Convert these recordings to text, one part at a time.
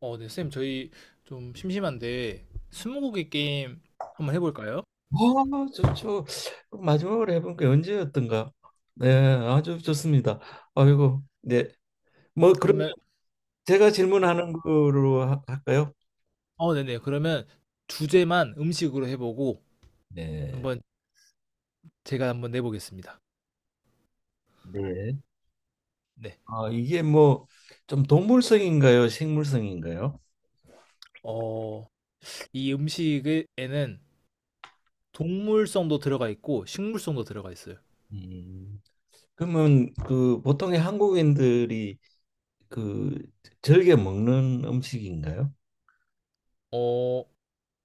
어, 네, 쌤, 저희 좀 심심한데 스무고개 게임 한번 해볼까요? 아, 좋죠. 마지막으로 해본 게 언제였던가? 네, 아주 좋습니다. 아이고, 네. 뭐 그러면 그러면, 제가 질문하는 거로 할까요? 네네. 그러면 주제만 음식으로 해보고 네. 한번 제가 한번 내보겠습니다. 네. 네. 아, 이게 뭐 좀 동물성인가요? 식물성인가요? 어, 이 음식에는 동물성도 들어가 있고 식물성도 들어가 있어요. 음. 그러면 그 보통의 한국인들이 그 즐겨 먹는 음식인가요? 어,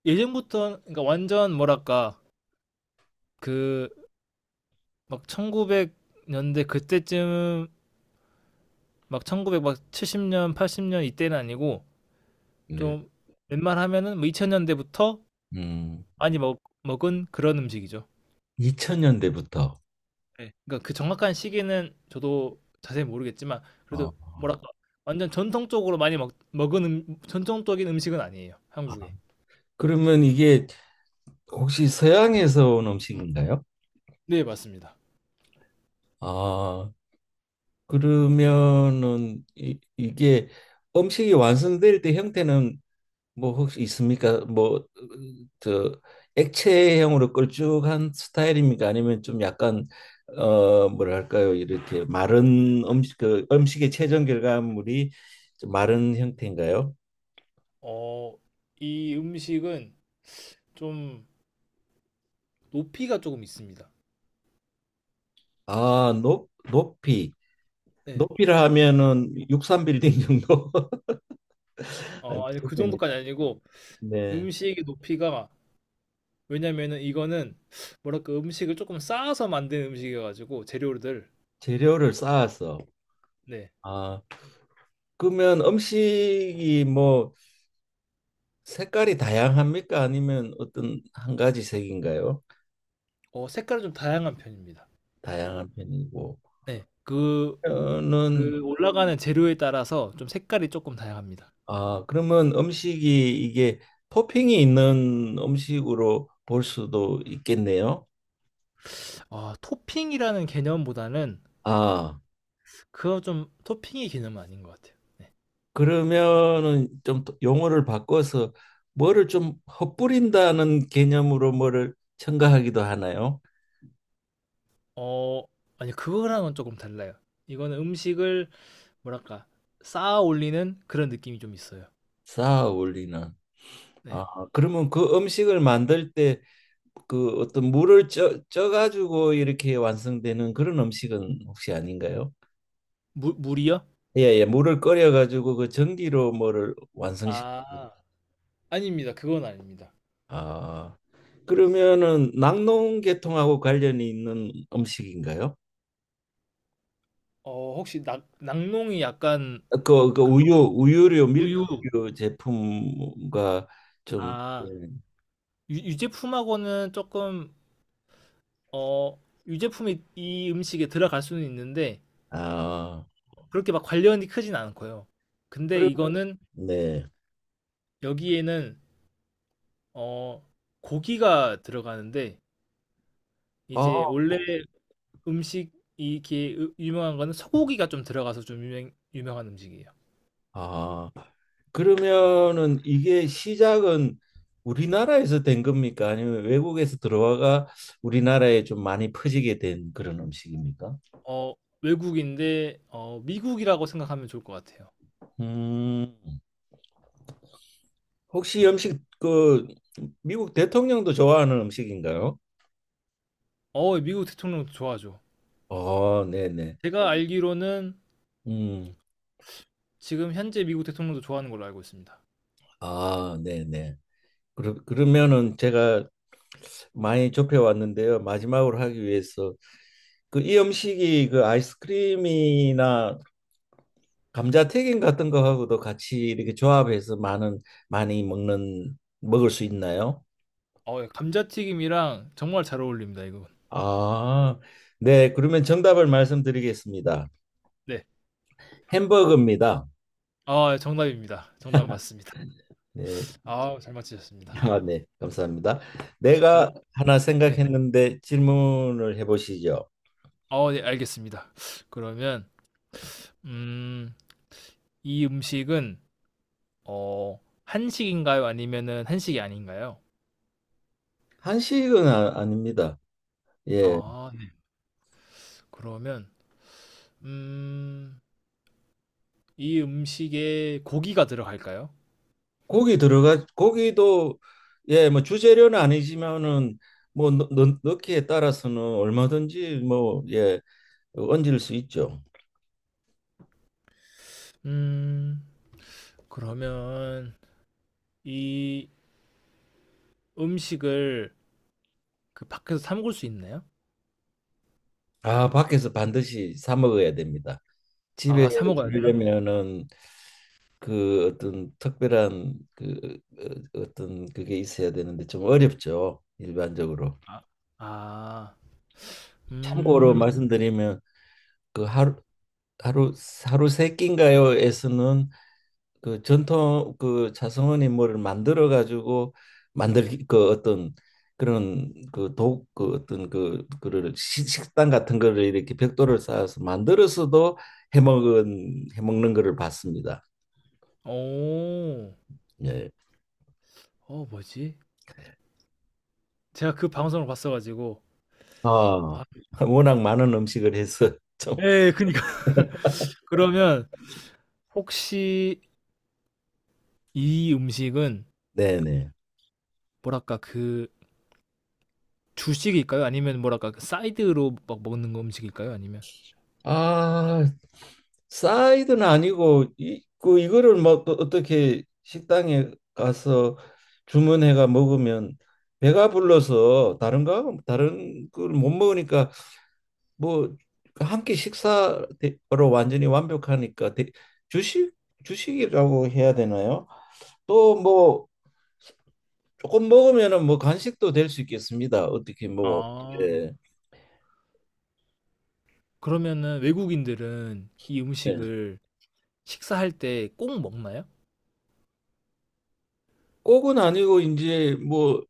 예전부터, 그러니까 완전 뭐랄까, 그, 막 1900년대 그때쯤, 막 1970년, 80년 이때는 아니고, 네. 좀 웬만하면은 뭐 2000년대부터 음, 많이 먹 먹은 그런 음식이죠. 2000년대부터. 네. 그러니까 그 정확한 시기는 저도 자세히 모르겠지만, 어. 그래도 뭐랄까 완전 전통적으로 많이 먹 먹은 전통적인 음식은 아니에요, 아, 한국에. 그러면 이게 혹시 서양에서 온 음식인가요? 네, 맞습니다. 아, 그러면은 이게 음식이 완성될 때 형태는 뭐 혹시 있습니까? 뭐 저 액체형으로 걸쭉한 스타일입니까? 아니면 좀 약간 어 뭐랄까요? 이렇게 마른 음식 그 음식의 최종 결과물이 좀 마른 형태인가요? 어 이 음식은 좀 높이가 조금 있습니다. 아, 높 높이. 네. 높이라 하면은 63빌딩 정도 아니, 그 됩니다. 정도까지 아니고, 네. 음식의 높이가, 왜냐면은 이거는 뭐랄까 음식을 조금 쌓아서 만든 음식이어 가지고 재료들. 재료를 쌓아서. 네. 아 그러면 음식이 뭐 색깔이 다양합니까? 아니면 어떤 한 가지 색인가요? 색깔이 좀 다양한 편입니다. 다양한 편이고 네. 그 저는. 그 올라가는 재료에 따라서 좀 색깔이 조금 다양합니다. 아 그러면 음식이 이게 토핑이 있는 음식으로 볼 수도 있겠네요. 아, 토핑이라는 개념보다는, 아 그거 좀 토핑의 개념은 아닌 것 같아요. 네. 그러면은 좀 용어를 바꿔서 뭐를 좀 헛뿌린다는 개념으로 뭐를 첨가하기도 하나요? 어 아니, 그거랑은 조금 달라요. 이거는 음식을 뭐랄까 쌓아 올리는 그런 느낌이 좀 있어요. 쌓아 올리는. 네. 아, 그러면 그 음식을 만들 때 그 어떤 물을 쪄가지고 이렇게 완성되는 그런 음식은 혹시 아닌가요? 물 물이요? 예, 예, 물을 끓여가지고 그 전기로 뭐를 완성시키고. 아, 아닙니다. 그건 아닙니다. 아, 그러면은 낙농계통하고 관련이 있는 음식인가요? 혹시 낙 낙농이 약간, 그, 그 우유, 우유류, 우유. 밀크류 제품과 좀, 아, 예. 유 유제품하고는 조금, 어 유제품이 이 음식에 들어갈 수는 있는데, 아, 그렇게 막 관련이 크진 않고요. 근데 그러면, 이거는, 네. 여기에는 어 고기가 들어가는데, 아, 이제 원래 음식 이게, 유명한 거는 소고기가 좀 들어가서 좀 유명한 음식이에요. 아, 그러면은 이게 시작은 우리나라에서 된 겁니까? 아니면 외국에서 들어와가 우리나라에 좀 많이 퍼지게 된 그런 음식입니까? 어 외국인데, 미국이라고 생각하면 좋을 것 같아요. 음, 혹시 이 음식 그 미국 대통령도 좋아하는 음식인가요? 미국 대통령도 좋아하죠. 어, 네네. 제가 알기로는 음, 지금 현재 미국 대통령도 좋아하는 걸로 알고 있습니다. 아, 네네. 그러면은 제가 많이 좁혀왔는데요. 마지막으로 하기 위해서 그 이 음식이 그 아이스크림이나 감자튀김 같은 거하고도 같이 이렇게 조합해서 많은 많이 먹는 먹을 수 있나요? 예, 감자튀김이랑 정말 잘 어울립니다 이건. 아, 네. 그러면 정답을 말씀드리겠습니다. 네. 햄버거입니다. 아, 정답입니다. 정답 맞습니다. 네. 아, 잘 맞히셨습니다. 아, 네. 감사합니다. 그 내가 럼 하나 네. 생각했는데 질문을 해보시죠. 네, 알겠습니다. 그러면, 음 이 음식은 어 한식인가요? 아니면은 한식이 아닌가요? 한식은 아, 닙니다. 예. 아, 네. 그러면, 음 이 음식에 고기가 들어갈까요? 고기 들어가 고기도 예, 뭐 주재료는 아니지만은 뭐 넣기에 따라서는 얼마든지 뭐 예, 얹을 수 있죠. 음 그러면 이 음식을 밖에서 사 먹을 수 있나요? 아, 밖에서 반드시 사 먹어야 됩니다. 집에 아, 사 먹어야 돼요? 하려면은 그 어떤 특별한 그 어떤 그게 있어야 되는데 좀 어렵죠. 일반적으로. 아. 아. 참고로 음. 말씀드리면 그 하루 하루 세 끼인가요에서는 그 전통 그 자성어니 뭐를 만들어 가지고 만들 그 어떤 그런 그 독 그 어떤 그 그를 식당 같은 거를 이렇게 벽돌을 쌓아서 만들어서도 해먹은 해먹는 거를 봤습니다. 오, 예. 뭐지? 제가 그 방송을 봤어 가지고. 아, 아, 워낙 많은 음식을 해서 좀 예. 그니까요. 그러면, 혹시 이 음식은 네네. 뭐랄까 그 주식일까요? 아니면 뭐랄까 그 사이드로 막 먹는 거 음식일까요? 아니면. 아, 사이드는 아니고 이, 그 이거를 뭐 또 어떻게 식당에 가서 주문해가 먹으면 배가 불러서 다른 걸 못 먹으니까 뭐 한 끼 식사로 완전히 완벽하니까 주식. 주식이라고 해야 되나요? 또 뭐 조금 먹으면은 뭐 간식도 될 수 있겠습니다. 어떻게 뭐 아, 예. 그러면은 외국인들은 이 예. 음식을 식사할 때 꼭 먹나요? 꼭은 아니고 이제 뭐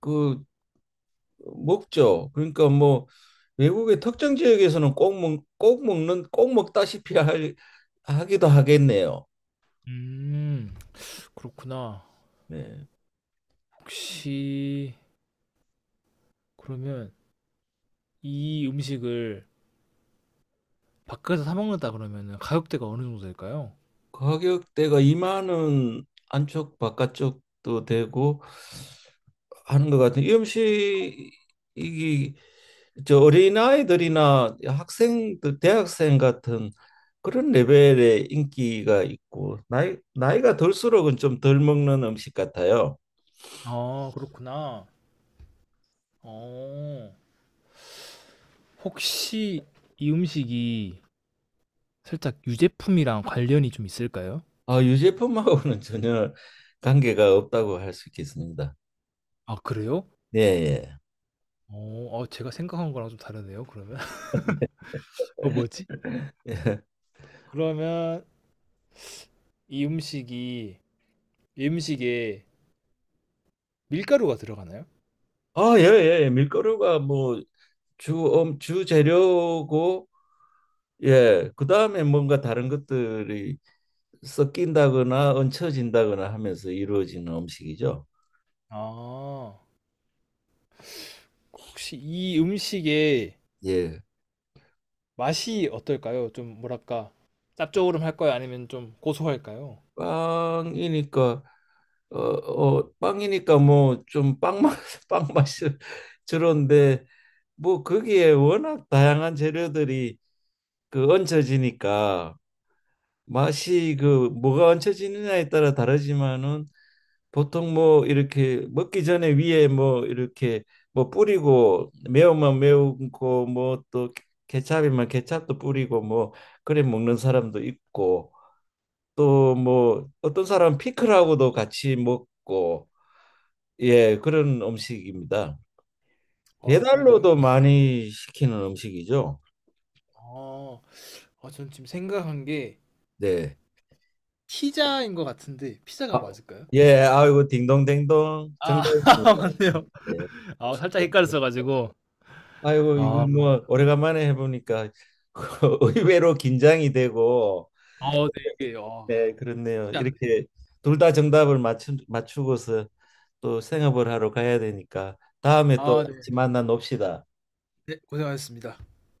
그 먹죠. 그러니까 뭐 외국의 특정 지역에서는 꼭 먹, 꼭 먹는 꼭 먹다시피 하기도 하겠네요. 음, 그렇구나. 네. 혹시 그러면 이 음식을 밖에서 사 먹는다 그러면은 가격대가 어느 정도 될까요? 가격대가 2만 원 안쪽 바깥쪽도 되고 하는 것 같아요. 이 음식이 저 어린아이들이나 학생들, 대학생 같은 그런 레벨의 인기가 있고 나이가 들수록은 좀 덜 먹는 음식 같아요. 아, 그렇구나. 어, 혹시 이 음식이 살짝 유제품이랑 관련이 좀 있을까요? 아, 유제품하고는 전혀 관계가 없다고 할 수 있겠습니다. 아, 그래요? 예, 예. 제가 생각한 거랑 좀 다르네요, 그러면. 뭐지? 예. 그러면 이 음식이 이 음식에 밀가루가 들어가나요? 아, 예, 예. 예. 밀가루가 뭐 주, 주재료고, 예. 그 다음에 뭔가 다른 것들이 섞인다거나 얹혀진다거나 하면서 이루어지는 음식이죠. 아, 혹시 이 음식의 예. 맛이 어떨까요? 좀 뭐랄까, 짭조름할까요? 아니면 좀 고소할까요? 빵이니까, 어, 어, 빵이니까 뭐 좀 빵맛, 빵맛이 저런데, 뭐 거기에 워낙 다양한 재료들이 그 얹혀지니까 맛이 그 뭐가 얹혀지느냐에 따라 다르지만은 보통 뭐 이렇게 먹기 전에 위에 뭐 이렇게 뭐 뿌리고 매운맛 매운 거뭐 또 케찹이면 케찹도 뿌리고 뭐 그래 먹는 사람도 있고 또 뭐 어떤 사람 피클하고도 같이 먹고 예 그런 음식입니다. 아, 그런가요? 배달로도 많이 시키는 음식이죠. 아. 아, 저는 지금 생각한 게 네. 피자인 것 같은데, 피자가 맞을까요? 예, 아이고 딩동댕동 아, 정답입니다. 맞네요. 예. 아, 살짝 헷갈렸어 가지고. 아이고 이거 아. 뭐 오래간만에 해보니까 의외로 긴장이 되고 아, 네. 이게, 아, 네 그렇네요. 쉽지 않. 이렇게 둘 다 정답을 맞추고서 또 생업을 하러 가야 되니까 다음에 아, 또 네. 같이 만나 놉시다. 네, 고생하셨습니다.